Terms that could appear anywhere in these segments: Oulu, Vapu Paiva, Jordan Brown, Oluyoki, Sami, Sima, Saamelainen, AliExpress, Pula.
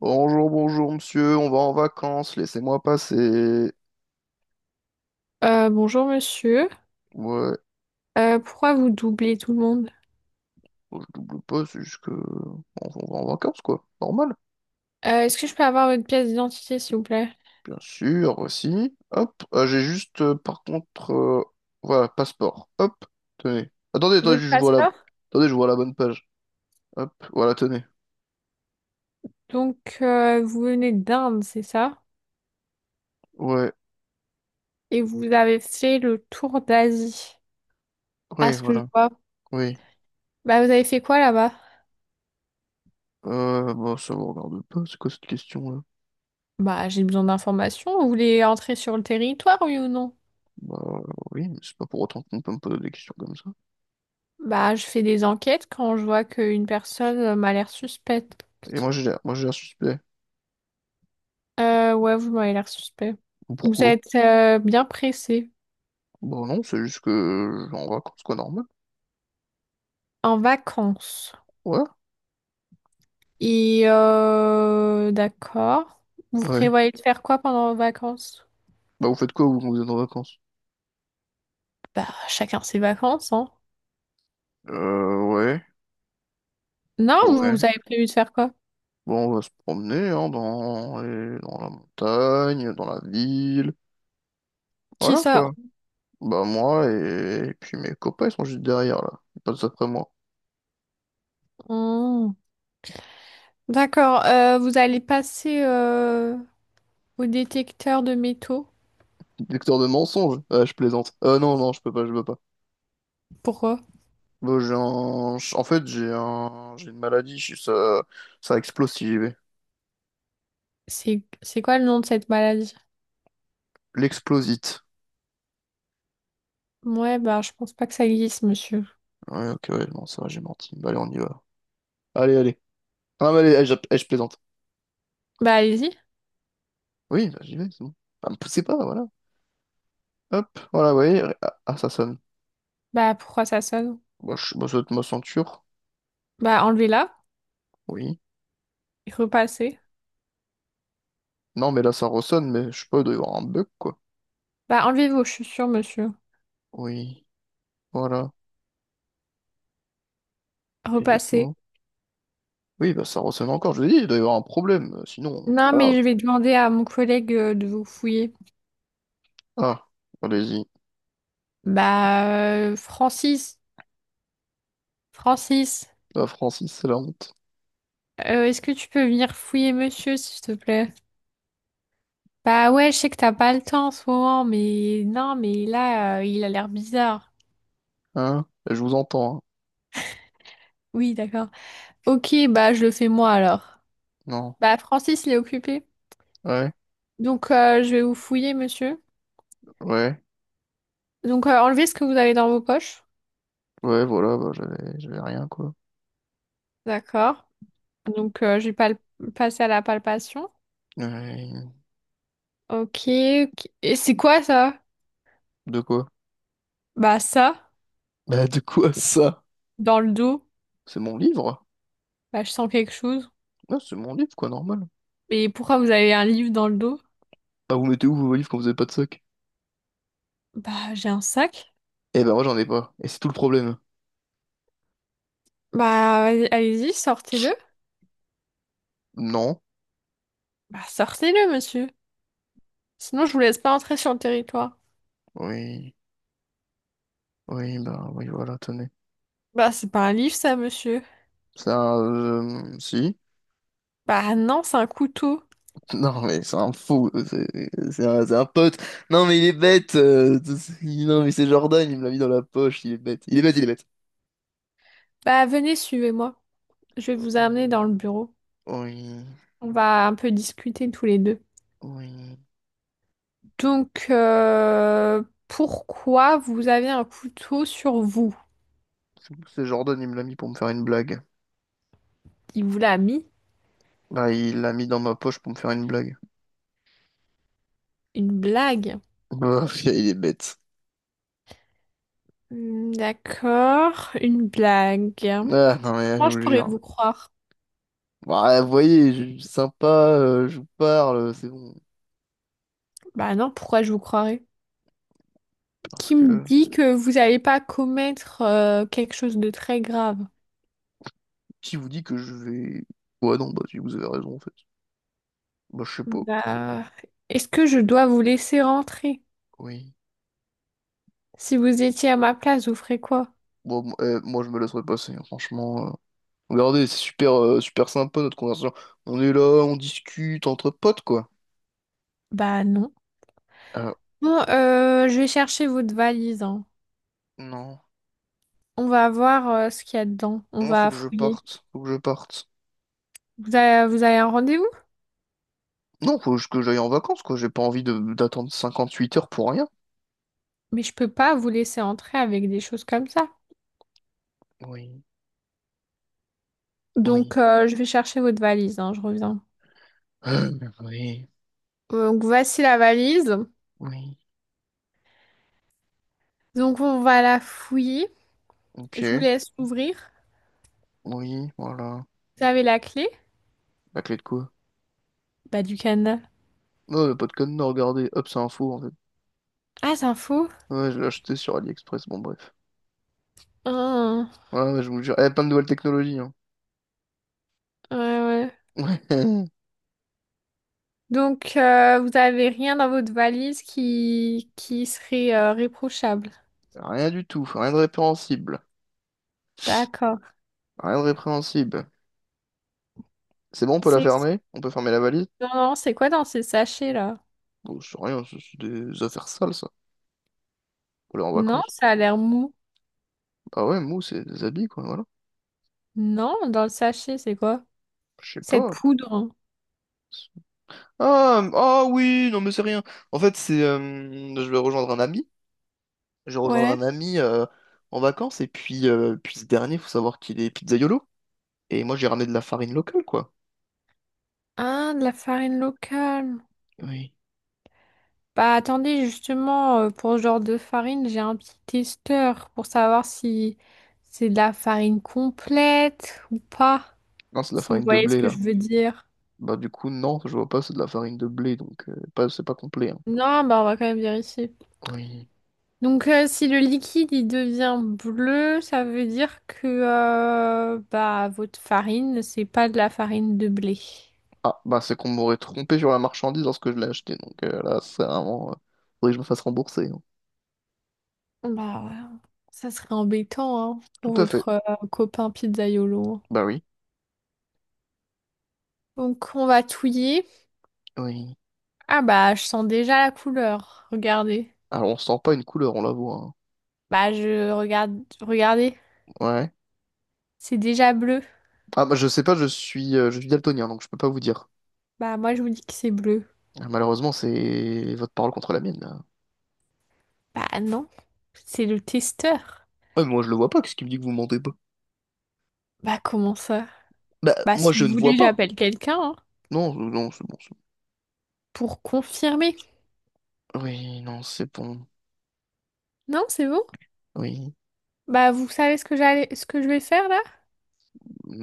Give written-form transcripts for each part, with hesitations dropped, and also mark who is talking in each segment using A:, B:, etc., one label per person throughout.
A: Bonjour, bonjour, monsieur, on va en vacances, laissez-moi passer.
B: Bonjour monsieur.
A: Ouais,
B: Pourquoi vous doublez tout le monde?
A: je double pas, c'est juste que... On va en vacances, quoi. Normal.
B: Est-ce que je peux avoir votre pièce d'identité, s'il vous plaît?
A: Bien sûr, aussi. Hop, j'ai juste, par contre... voilà, passeport. Hop, tenez. Attendez, attendez,
B: Votre
A: je vois la...
B: passeport?
A: Attendez, je vois la bonne page. Hop, voilà, tenez.
B: Donc, vous venez d'Inde, c'est ça?
A: Ouais,
B: Et vous avez fait le tour d'Asie, à
A: oui,
B: ce que je
A: voilà.
B: vois.
A: Oui.
B: Bah, vous avez fait quoi là-bas?
A: Bah, ça vous regarde pas, c'est quoi cette question-là?
B: Bah, j'ai besoin d'informations. Vous voulez entrer sur le territoire, oui ou non?
A: Bah, oui, mais c'est pas pour autant qu'on peut me poser des questions comme ça.
B: Bah, je fais des enquêtes quand je vois qu'une personne m'a l'air suspecte.
A: Et moi, j'ai l'air suspect.
B: Ouais, vous m'avez l'air suspect. Vous
A: Pourquoi?
B: êtes bien pressé.
A: Bon, non, c'est juste que je vais en vacances, quoi, normal.
B: En vacances.
A: Ouais?
B: Et d'accord. Vous
A: Ouais.
B: prévoyez de faire quoi pendant vos vacances?
A: Bah, vous faites quoi, vous, quand vous êtes en vacances?
B: Bah, chacun ses vacances, hein.
A: Ouais.
B: Non,
A: Ouais.
B: vous avez prévu de faire quoi?
A: Bon, on va se promener, hein, dans, dans la montagne, dans la ville.
B: Qui
A: Voilà,
B: ça?
A: quoi. Bah, moi et puis mes copains, ils sont juste derrière, là. Ils passent après moi.
B: Hmm. D'accord. Vous allez passer au détecteur de métaux.
A: Détecteur de mensonges? Ah, je plaisante. Non, non, je peux pas, je peux pas.
B: Pourquoi?
A: Bon, j'ai un... En fait, j'ai un... J'ai une maladie, ça... ça explose si j'y vais.
B: C'est quoi le nom de cette maladie?
A: L'explosite.
B: Ouais, bah je pense pas que ça existe, monsieur.
A: Ouais, ok, ouais, non, ça va, j'ai menti. Bah, allez, on y va. Allez, allez. Ah, mais allez, je plaisante.
B: Bah allez-y.
A: Oui, bah, j'y vais, c'est bon. Ah, me poussez pas, voilà. Hop, voilà, vous voyez. Ah, ah, ça sonne.
B: Bah pourquoi ça sonne?
A: Moi, ça doit être ma ceinture.
B: Bah enlevez-la.
A: Oui.
B: Repassez.
A: Non, mais là, ça ressonne, mais je sais pas, il doit y avoir un bug, quoi.
B: Bah enlevez vos chaussures, monsieur.
A: Oui, voilà. Et du
B: Repassez.
A: coup. Oui, bah, ça ressonne encore. Je vous dis, il doit y avoir un problème. Sinon, c'est
B: Non,
A: pas grave.
B: mais je vais demander à mon collègue de vous fouiller.
A: Ah, allez-y.
B: Bah, Francis, Francis,
A: Ah, Francis, c'est la honte.
B: est-ce que tu peux venir fouiller monsieur, s'il te plaît? Bah ouais, je sais que t'as pas le temps en ce moment, mais non, mais là, il a l'air bizarre.
A: Hein? Je vous entends, hein.
B: Oui, d'accord. Ok, bah je le fais moi alors.
A: Non.
B: Bah Francis, il est occupé.
A: Ouais,
B: Donc je vais vous fouiller, monsieur.
A: ouais.
B: Donc enlevez ce que vous avez dans vos poches.
A: Ouais, voilà, bah, j'avais rien, quoi.
B: D'accord. Donc je vais pas passer à la palpation.
A: Ouais.
B: Ok, ok. Et c'est quoi ça?
A: De quoi?
B: Bah ça.
A: Bah, de quoi ça?
B: Dans le dos,
A: C'est mon livre?
B: bah, je sens quelque chose.
A: Ah, c'est mon livre, quoi, normal.
B: Et pourquoi vous avez un livre dans le dos?
A: Ah, vous mettez où vos valises quand vous avez pas de sac?
B: Bah, j'ai un sac.
A: Eh ben, moi, j'en ai pas. Et c'est tout le problème.
B: Bah, allez-y, sortez-le.
A: Non.
B: Bah, sortez-le, monsieur. Sinon, je vous laisse pas entrer sur le territoire.
A: Oui. Oui, bah, oui, voilà, tenez.
B: Bah, c'est pas un livre, ça, monsieur.
A: C'est un... si.
B: Bah, non, c'est un couteau.
A: Non, mais c'est un fou. C'est c'est un pote. Non, mais il est bête. Non, mais c'est Jordan, il me l'a mis dans la poche. Il est bête. Il est bête, il est bête.
B: Bah, venez, suivez-moi. Je vais vous amener dans le bureau.
A: Oui.
B: On va un peu discuter tous les deux.
A: Oui.
B: Donc, pourquoi vous avez un couteau sur vous?
A: C'est Jordan, il me l'a mis pour me faire une blague.
B: Il vous l'a mis?
A: Bah, il l'a mis dans ma poche pour me faire une blague.
B: Une blague.
A: Bah, il est bête.
B: Hmm, d'accord, une blague.
A: Ah, non, mais là, je
B: Moi,
A: vous
B: je
A: le
B: pourrais
A: jure.
B: vous croire.
A: Bah, vous voyez, je suis sympa, je vous parle, c'est bon.
B: Bah non, pourquoi je vous croirais?
A: Parce
B: Qui me
A: que
B: dit que vous n'allez pas commettre quelque chose de très grave?
A: qui vous dit que je vais... Ouais, non, bah si vous avez raison en fait. Bah je sais pas.
B: Bah, est-ce que je dois vous laisser rentrer?
A: Oui.
B: Si vous étiez à ma place, vous ferez quoi?
A: Bon, moi je me laisserai passer, hein, franchement. Regardez, c'est super, super sympa notre conversation. On est là, on discute entre potes quoi.
B: Bah non.
A: Euh,
B: Bon, je vais chercher votre valise, hein.
A: non.
B: On va voir ce qu'il y a dedans. On
A: Non, faut
B: va
A: que je
B: fouiller.
A: parte. Faut que je parte.
B: Vous avez un rendez-vous?
A: Non, faut que j'aille en vacances quoi. J'ai pas envie de d'attendre 58 heures pour rien.
B: Mais je peux pas vous laisser entrer avec des choses comme ça.
A: Oui. Oui.
B: Donc, je vais chercher votre valise, hein, je reviens.
A: Euh, Oui.
B: Donc, voici la valise.
A: Oui.
B: Donc on va la fouiller. Je vous
A: Ok.
B: laisse ouvrir.
A: Oui, voilà.
B: Vous avez la clé?
A: La clé de quoi?
B: Bah du Canada.
A: Non, le pas de code, non, regardez. Hop, c'est un faux en fait.
B: Ah, c'est un faux.
A: Ouais, je l'ai acheté sur AliExpress, bon bref.
B: Ah,
A: Ouais, ouais, je vous jure. Eh, plein de nouvelles technologies, hein.
B: ouais, ouais.
A: Ouais.
B: Donc vous avez rien dans votre valise qui serait réprochable.
A: Rien du tout, rien de répréhensible.
B: D'accord.
A: Rien de répréhensible. C'est bon, on peut la
B: C'est
A: fermer? On peut fermer la valise?
B: non, non, c'est quoi dans ces sachets là?
A: Bon, c'est rien, c'est des affaires sales, ça. Pour aller en
B: Non,
A: vacances.
B: ça a l'air mou.
A: Ah ouais, mou, c'est des habits, quoi, voilà.
B: Non, dans le sachet, c'est quoi?
A: Je sais
B: Cette
A: pas.
B: poudre.
A: Ah, ah oui, non mais c'est rien. En fait, c'est je vais rejoindre un ami. Je vais rejoindre
B: Ouais.
A: un ami en vacances et puis puis ce dernier, faut savoir qu'il est pizzaïolo et moi j'ai ramené de la farine locale quoi.
B: Ah, de la farine locale.
A: Oui.
B: Bah attendez, justement, pour ce genre de farine, j'ai un petit testeur pour savoir si c'est de la farine complète ou pas,
A: Non, c'est de la
B: si vous
A: farine de
B: voyez ce
A: blé
B: que je
A: là.
B: veux dire.
A: Bah du coup non, je vois pas, c'est de la farine de blé, donc pas, c'est pas complet, hein.
B: Non, bah on va quand même vérifier.
A: Oui.
B: Donc si le liquide il devient bleu, ça veut dire que bah votre farine, c'est pas de la farine de blé.
A: Ah bah c'est qu'on m'aurait trompé sur la marchandise lorsque je l'ai acheté, donc là c'est vraiment... faudrait que je me fasse rembourser, hein.
B: Bah ouais, ça serait embêtant hein,
A: Tout
B: pour
A: à fait.
B: votre copain pizzaïolo.
A: Bah oui.
B: Donc on va touiller.
A: Oui.
B: Ah bah je sens déjà la couleur. Regardez.
A: Alors on sent pas une couleur, on la voit,
B: Bah je regarde. Regardez.
A: hein. Ouais.
B: C'est déjà bleu.
A: Ah bah je sais pas, je suis daltonien, donc je peux pas vous dire.
B: Bah moi je vous dis que c'est bleu.
A: Ah, malheureusement c'est votre parole contre la mienne là.
B: Bah non. C'est le testeur.
A: Ouais, moi je le vois pas, qu'est-ce qui me dit que vous mentez pas?
B: Bah comment ça?
A: Bah
B: Bah
A: moi
B: si
A: je
B: vous
A: ne vois
B: voulez
A: pas.
B: j'appelle quelqu'un hein,
A: Non, non, c'est bon, c'est
B: pour confirmer.
A: bon. Oui, non, c'est bon.
B: Non, c'est bon?
A: Oui.
B: Bah vous savez ce que je vais faire là?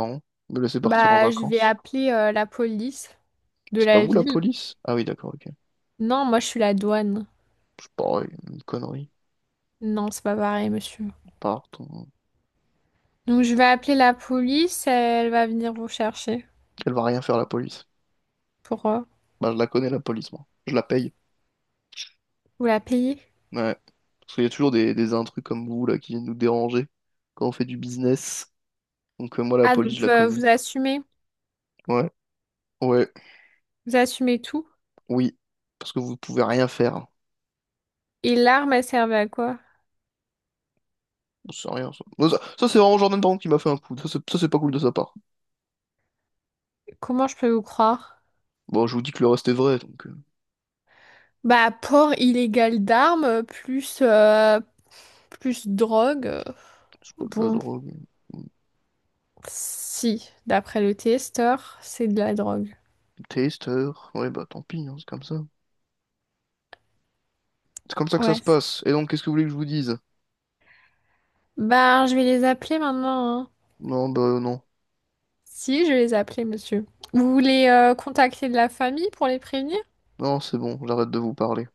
A: Non, me laisser partir en
B: Bah je vais
A: vacances.
B: appeler la police de
A: C'est pas
B: la
A: vous la
B: ville.
A: police? Ah oui, d'accord, ok.
B: Non, moi je suis la douane.
A: Je sais une connerie.
B: Non, c'est pas pareil, monsieur.
A: Part, on-
B: Donc je vais appeler la police, elle va venir vous chercher
A: Elle va rien faire la police.
B: pour
A: Bah, je la connais la police, moi. Je la paye.
B: vous la payer.
A: Ouais. Parce qu'il y a toujours des intrus comme vous là qui viennent nous déranger quand on fait du business. Donc moi la
B: Ah,
A: police, je
B: donc
A: la connais. Ouais, ouais,
B: vous assumez tout.
A: oui. Parce que vous pouvez rien faire.
B: Et l'arme, elle servait à quoi?
A: Bon, c'est rien ça. Bon, ça, c'est vraiment Jordan Brown qui m'a fait un coup. Ça, c'est pas cool de sa part.
B: Comment je peux vous croire?
A: Bon, je vous dis que le reste est vrai, donc
B: Bah, port illégal d'armes, plus, plus drogue.
A: c'est pas de la
B: Bon,
A: drogue.
B: si, d'après le testeur, c'est de la drogue.
A: Taster. Ouais, bah tant pis, hein, c'est comme ça. C'est comme ça que ça
B: Ouais.
A: se passe. Et donc, qu'est-ce que vous voulez que je vous dise?
B: Bah, je vais les appeler maintenant, hein.
A: Non, bah non.
B: Si, je vais les appeler, monsieur. Vous voulez contacter de la famille pour les prévenir?
A: Non, c'est bon, j'arrête de vous parler.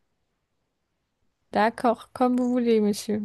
B: D'accord, comme vous voulez, monsieur.